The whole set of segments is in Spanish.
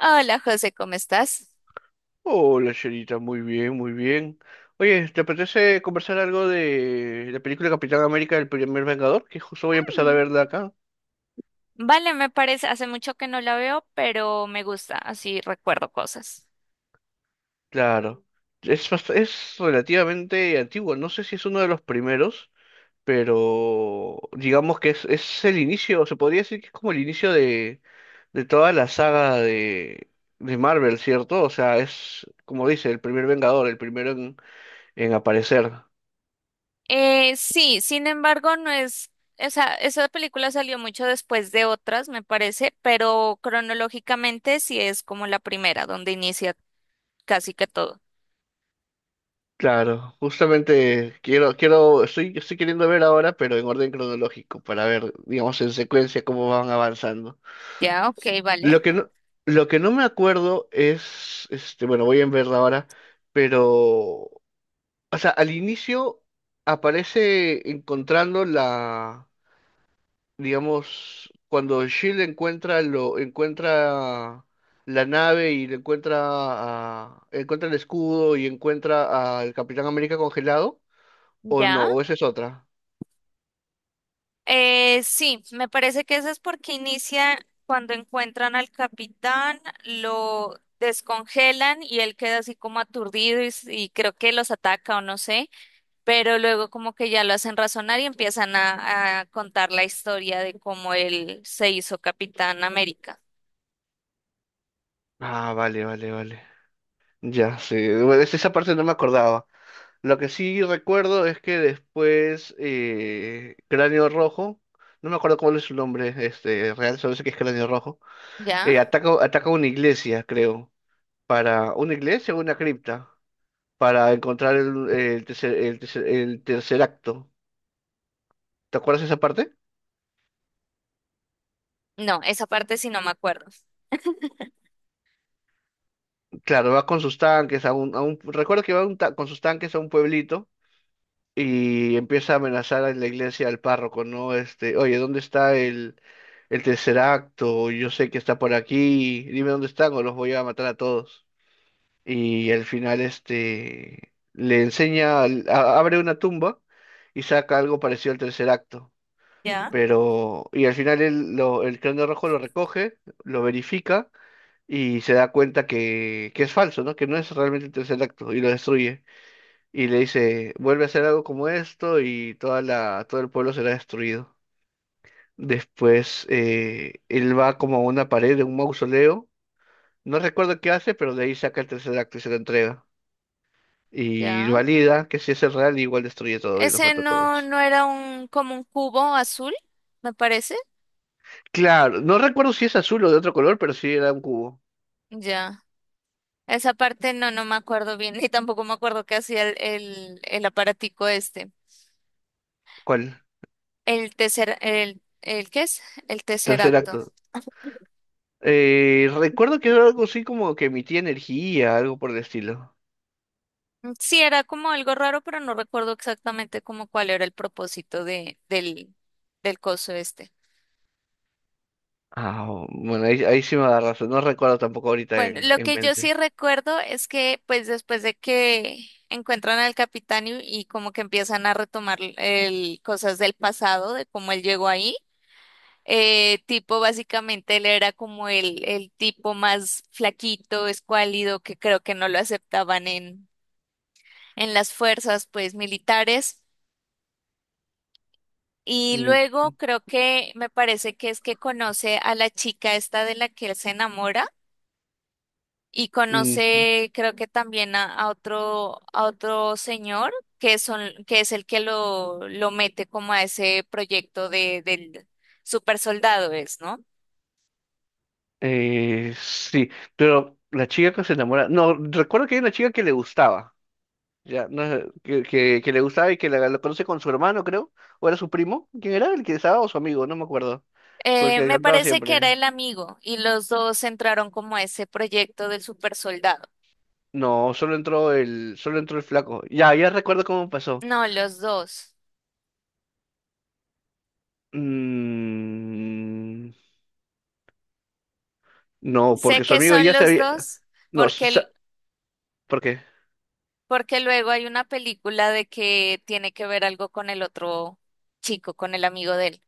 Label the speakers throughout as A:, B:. A: Hola José, ¿cómo estás?
B: Hola, Sherita, muy bien, muy bien. Oye, ¿te apetece conversar algo de la película Capitán América, el primer Vengador? Que justo voy a empezar a
A: Mm,
B: verla acá.
A: vale, me parece, hace mucho que no la veo, pero me gusta, así recuerdo cosas.
B: Claro, es, es relativamente antigua, no sé si es uno de los primeros, pero digamos que es el inicio, se podría decir que es como el inicio de toda la saga de Marvel, ¿cierto? O sea, es, como dice, el primer Vengador, el primero en aparecer.
A: Sí, sin embargo, no es, o sea, esa película salió mucho después de otras, me parece, pero cronológicamente sí es como la primera, donde inicia casi que todo.
B: Claro, justamente quiero, estoy queriendo ver ahora, pero en orden cronológico, para ver, digamos, en secuencia cómo van avanzando.
A: Ya, ok,
B: Lo
A: vale.
B: que no, lo que no me acuerdo es, este, bueno, voy a verla ahora, pero, o sea, al inicio aparece encontrando digamos, cuando Shield encuentra encuentra la nave y le encuentra encuentra el escudo y encuentra al Capitán América congelado. O no,
A: ¿Ya?
B: o esa es otra.
A: Sí, me parece que eso es porque inicia cuando encuentran al capitán, lo descongelan y él queda así como aturdido y, y creo que los ataca o no sé, pero luego como que ya lo hacen razonar y empiezan a contar la historia de cómo él se hizo Capitán América.
B: Ah, vale, vale, vale. Ya, sí. Bueno, esa parte no me acordaba. Lo que sí recuerdo es que después Cráneo Rojo, no me acuerdo cuál es su nombre este, real, solo sé que es Cráneo Rojo,
A: ¿Ya?
B: ataca una iglesia, creo, para una iglesia o una cripta, para encontrar el tercer acto. ¿Te acuerdas de esa parte?
A: No, esa parte sí no me acuerdo.
B: Claro, va con sus tanques a recuerdo que va con sus tanques a un pueblito y empieza a amenazar a la iglesia al párroco, ¿no? Este, oye, ¿dónde está el tercer acto? Yo sé que está por aquí, dime dónde están o los voy a matar a todos. Y al final, este, le enseña, abre una tumba y saca algo parecido al tercer acto.
A: ¿Ya?
B: Pero, y al final el cráneo rojo lo recoge, lo verifica y se da cuenta que es falso, ¿no? Que no es realmente el tercer acto y lo destruye y le dice, vuelve a hacer algo como esto y toda todo el pueblo será destruido. Después él va como a una pared de un mausoleo, no recuerdo qué hace, pero de ahí saca el tercer acto y se lo entrega. Y
A: ¿Ya?
B: valida que si es el real, igual destruye todo y los
A: Ese
B: mata a
A: no,
B: todos.
A: no era un como un cubo azul, me parece.
B: Claro, no recuerdo si es azul o de otro color, pero sí era un cubo.
A: Ya. Esa parte no, no me acuerdo bien, ni tampoco me acuerdo qué hacía el aparatico este.
B: ¿Cuál?
A: El ¿qué es? El tercer
B: Tercer
A: acto.
B: acto. Recuerdo que era algo así como que emitía energía, algo por el estilo.
A: Mm, sí, era como algo raro, pero no recuerdo exactamente como cuál era el propósito del, del coso este.
B: Ah, bueno, ahí sí me da razón. No recuerdo tampoco ahorita
A: Bueno, lo
B: en
A: que yo sí
B: mente.
A: recuerdo es que pues después de que encuentran al capitán y como que empiezan a retomar el, cosas del pasado, de cómo él llegó ahí. Tipo, básicamente él era como el tipo más flaquito, escuálido, que creo que no lo aceptaban en las fuerzas, pues, militares. Y
B: Mm,
A: luego creo que me parece que es que conoce a la chica esta de la que él se enamora y
B: ujú.
A: conoce, creo que también a otro señor que son, que es el que lo mete como a ese proyecto de, del super soldado es, ¿no?
B: Sí, pero la chica que se enamora, no, recuerdo que hay una chica que le gustaba, ya, no, sé, que le gustaba y que la conoce con su hermano, creo, o era su primo, ¿quién era? El que estaba o su amigo, no me acuerdo, con el que
A: Me
B: andaba
A: parece que era
B: siempre.
A: el amigo y los dos entraron como a ese proyecto del super soldado.
B: No, solo entró el flaco. Ya, ya recuerdo cómo pasó.
A: No, los dos.
B: Mm, no,
A: Sé
B: porque su
A: que
B: amigo
A: son
B: ya se
A: los
B: había,
A: dos
B: no,
A: porque,
B: ¿por qué?
A: porque luego hay una película de que tiene que ver algo con el otro chico, con el amigo de él.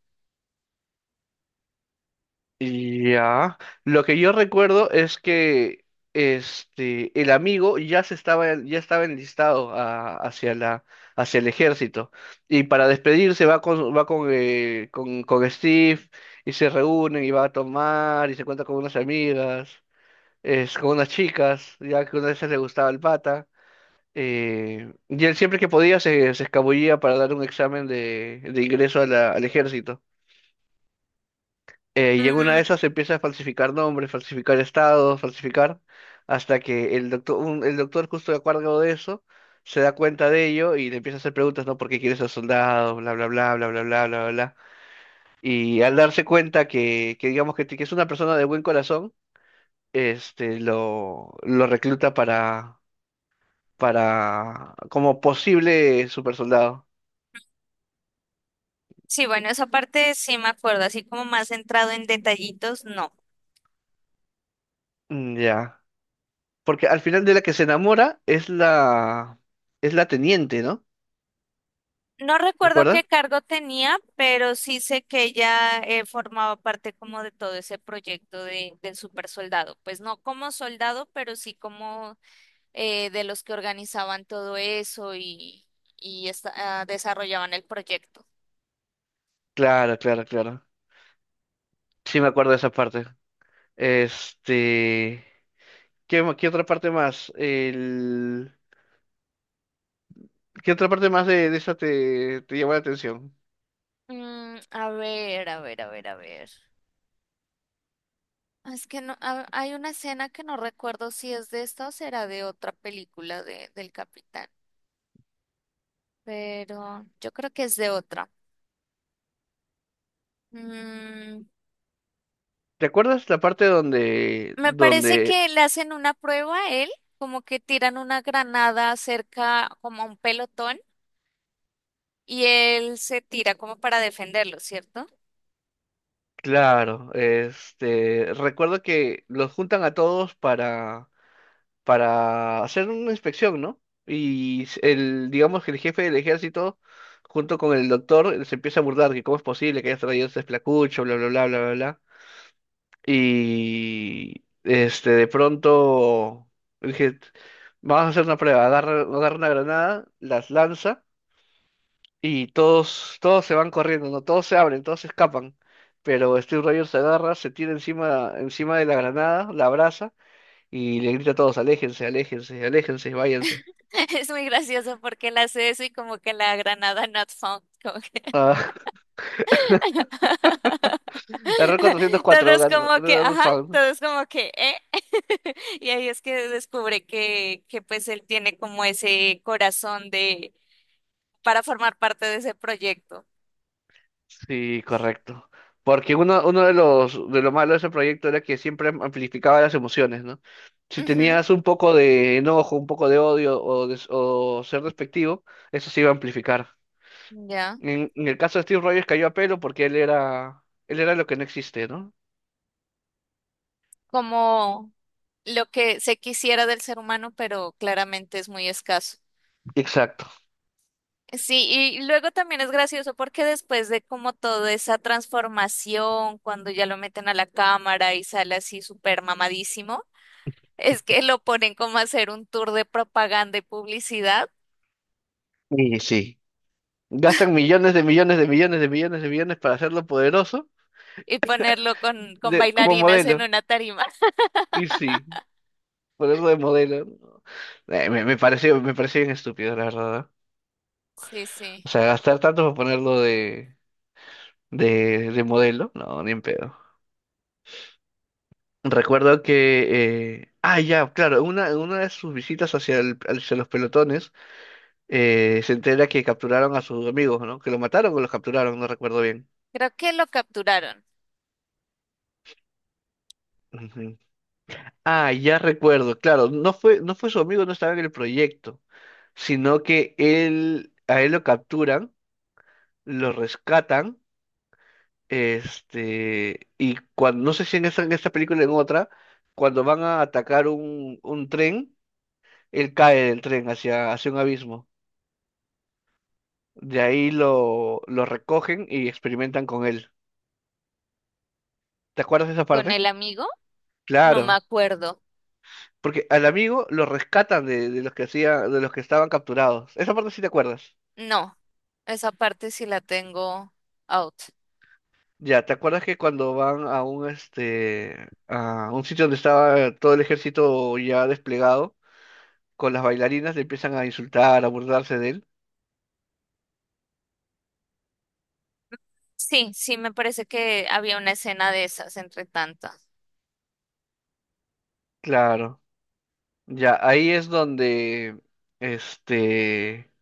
B: Ya, lo que yo recuerdo es que este el amigo ya se estaba ya estaba enlistado hacia la hacia el ejército y para despedirse va con, con Steve y se reúnen y va a tomar y se cuenta con unas amigas, es con unas chicas, ya que una de esas le gustaba el pata y él siempre que podía se escabullía para dar un examen de ingreso a al ejército. Y en una de
A: Mm,
B: esas empieza a falsificar nombres, falsificar estados, falsificar, hasta que el doctor justo de acuerdo de eso, se da cuenta de ello y le empieza a hacer preguntas, ¿no? ¿Por qué quieres ser soldado? Bla, bla, bla, bla, bla, bla, bla, bla. Y al darse cuenta que es una persona de buen corazón, lo recluta para, como posible super soldado.
A: sí, bueno, esa parte sí me acuerdo, así como más centrado en detallitos, no.
B: Mm, ya. Porque al final de la que se enamora es es la teniente, ¿no?
A: No recuerdo qué
B: ¿Recuerdas?
A: cargo tenía, pero sí sé que ella formaba parte como de todo ese proyecto de, del super soldado. Pues no como soldado, pero sí como de los que organizaban todo eso y, y esta- ah, desarrollaban el proyecto.
B: Claro, claro, claro. Sí me acuerdo de esa parte. Este, ¿qué otra parte más? El, ¿qué otra parte más de esa te llamó la atención?
A: Mm, a ver, a ver, a ver, a ver. Es que no, hay una escena que no recuerdo si es de esta o será de otra película de, del Capitán, pero yo creo que es de otra. Mm,
B: ¿Te acuerdas la parte
A: me parece que le hacen una prueba a él, como que tiran una granada cerca, como a un pelotón, y él se tira como para defenderlo, ¿cierto?
B: claro, este, recuerdo que los juntan a todos para hacer una inspección, ¿no? Y el, digamos que el jefe del ejército, junto con el doctor, se empieza a burlar que cómo es posible que hayas traído ese esplacucho, bla, bla, bla, bla, bla. Y este, de pronto dije, vamos a hacer una prueba, agarra una granada, las lanza y todos se van corriendo, ¿no? Todos se abren, todos se escapan. Pero Steve Rogers se agarra, se tira encima, encima de la granada, la abraza y le grita a todos, aléjense, aléjense, aléjense, váyanse.
A: Es muy gracioso porque él hace eso y como que la granada not found, como que
B: Ah, error 404,
A: todos
B: ganó,
A: como que,
B: ganó el
A: ajá,
B: fan.
A: todos como que, ¿eh? Y ahí es que descubre que pues él tiene como ese corazón de, para formar parte de ese proyecto.
B: Sí, correcto. Porque uno de los de lo malo de ese proyecto era que siempre amplificaba las emociones, ¿no? Si
A: Ujú,
B: tenías un poco de enojo, un poco de odio o, o ser despectivo, eso se iba a amplificar.
A: ya.
B: En el caso de Steve Rogers cayó a pelo porque él era lo que no existe, ¿no?
A: Como lo que se quisiera del ser humano, pero claramente es muy escaso.
B: Exacto.
A: Sí, y luego también es gracioso porque después de como toda esa transformación, cuando ya lo meten a la cámara y sale así súper mamadísimo, es que lo ponen como a hacer un tour de propaganda y publicidad
B: Y sí. Gastan millones de millones de millones de millones de millones para hacerlo poderoso
A: y ponerlo con
B: de, como
A: bailarinas en
B: modelo.
A: una tarima.
B: Y sí, ponerlo de modelo, ¿no? Me pareció bien estúpido, la verdad.
A: Sí, sí.
B: O sea, gastar tanto para ponerlo de modelo, no, ni en pedo. Recuerdo que, ah, ya, claro, en una de sus visitas hacia, hacia los pelotones, se entera que capturaron a sus amigos, ¿no? Que lo mataron o los capturaron, no recuerdo bien.
A: Creo que lo capturaron
B: Ujú. Ah, ya recuerdo, claro, no fue su amigo, no estaba en el proyecto, sino que a él lo capturan, lo rescatan. Este, y cuando, no sé si en esa, en esta película o en otra, cuando van a atacar un tren, él cae del tren hacia, hacia un abismo. De ahí lo recogen y experimentan con él. ¿Te acuerdas de esa
A: con
B: parte?
A: el amigo, no me
B: Claro,
A: acuerdo.
B: porque al amigo lo rescatan de los que hacía, de los que estaban capturados. Esa parte sí te acuerdas.
A: No, esa parte sí la tengo out.
B: Ya, ¿te acuerdas que cuando van a un este a un sitio donde estaba todo el ejército ya desplegado con las bailarinas le empiezan a insultar, a burlarse de él?
A: Sí, sí, me parece que había una escena de esas entre tantas.
B: Claro, ya ahí es donde, este,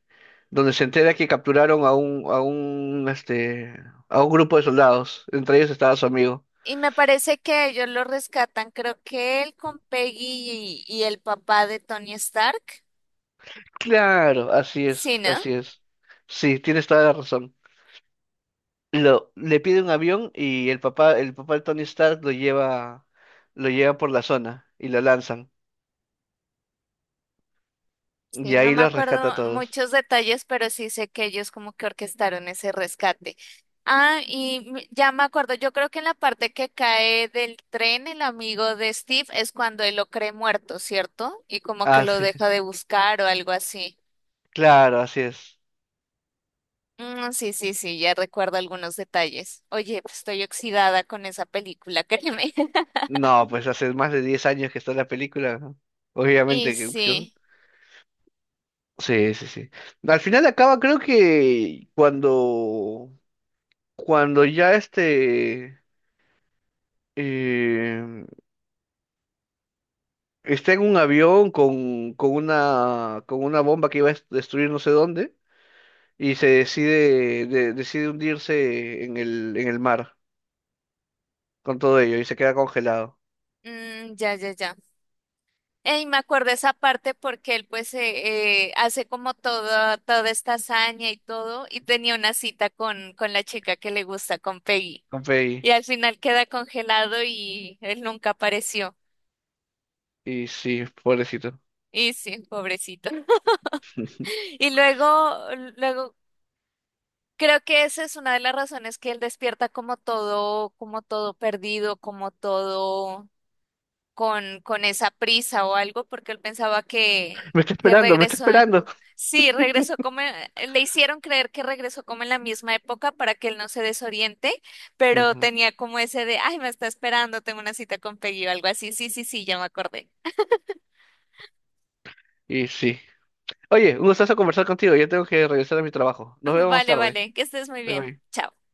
B: donde se entera que capturaron a un, este, a un grupo de soldados. Entre ellos estaba su amigo.
A: Y me parece que ellos lo rescatan, creo que él con Peggy y el papá de Tony Stark.
B: Claro, así
A: Sí,
B: es,
A: ¿no?
B: así es. Sí, tienes toda la razón. Lo, le pide un avión y el papá de Tony Stark lo lleva por la zona y lo lanzan.
A: Sí,
B: Y
A: no
B: ahí
A: me
B: los rescata a
A: acuerdo
B: todos.
A: muchos detalles, pero sí sé que ellos como que orquestaron ese rescate. Ah, y ya me acuerdo, yo creo que en la parte que cae del tren el amigo de Steve es cuando él lo cree muerto, ¿cierto? Y como que
B: Ah,
A: lo
B: sí,
A: deja de buscar o algo así.
B: claro, así es.
A: Mm, sí, sí, sí, ya recuerdo algunos detalles. Oye, pues estoy oxidada con esa película, créeme.
B: No, pues hace más de 10 años que está la película, ¿no?
A: Y
B: Obviamente que...
A: sí,
B: Sí, sí, sí. Al final acaba, creo que cuando, cuando ya este eh, está en un avión con una bomba que iba a destruir no sé dónde, y se decide, decide hundirse en el mar con todo ello, y se queda congelado
A: mm, ya, ya, ya. Y me acuerdo esa parte porque él pues hace como toda, toda esta hazaña y todo, y tenía una cita con la chica que le gusta, con Peggy.
B: con Peggy.
A: Y al final queda congelado y él nunca apareció.
B: Y sí, pobrecito.
A: Y sí, pobrecito. Y luego creo que esa es una de las razones que él despierta como todo perdido, como todo con esa prisa o algo, porque él pensaba
B: Me está
A: que
B: esperando, me está
A: regresó.
B: esperando.
A: Sí, regresó como, le hicieron creer que regresó como en la misma época para que él no se desoriente, pero
B: Ujú.
A: tenía como ese de, ay, me está esperando, tengo una cita con Peggy o algo así. Sí, sí, sí, ya me acordé.
B: Y sí. Oye, un gustazo conversar contigo. Ya tengo que regresar a mi trabajo. Nos vemos más
A: Vale,
B: tarde.
A: vale, que estés muy
B: Bye
A: bien.
B: bye.
A: Chao.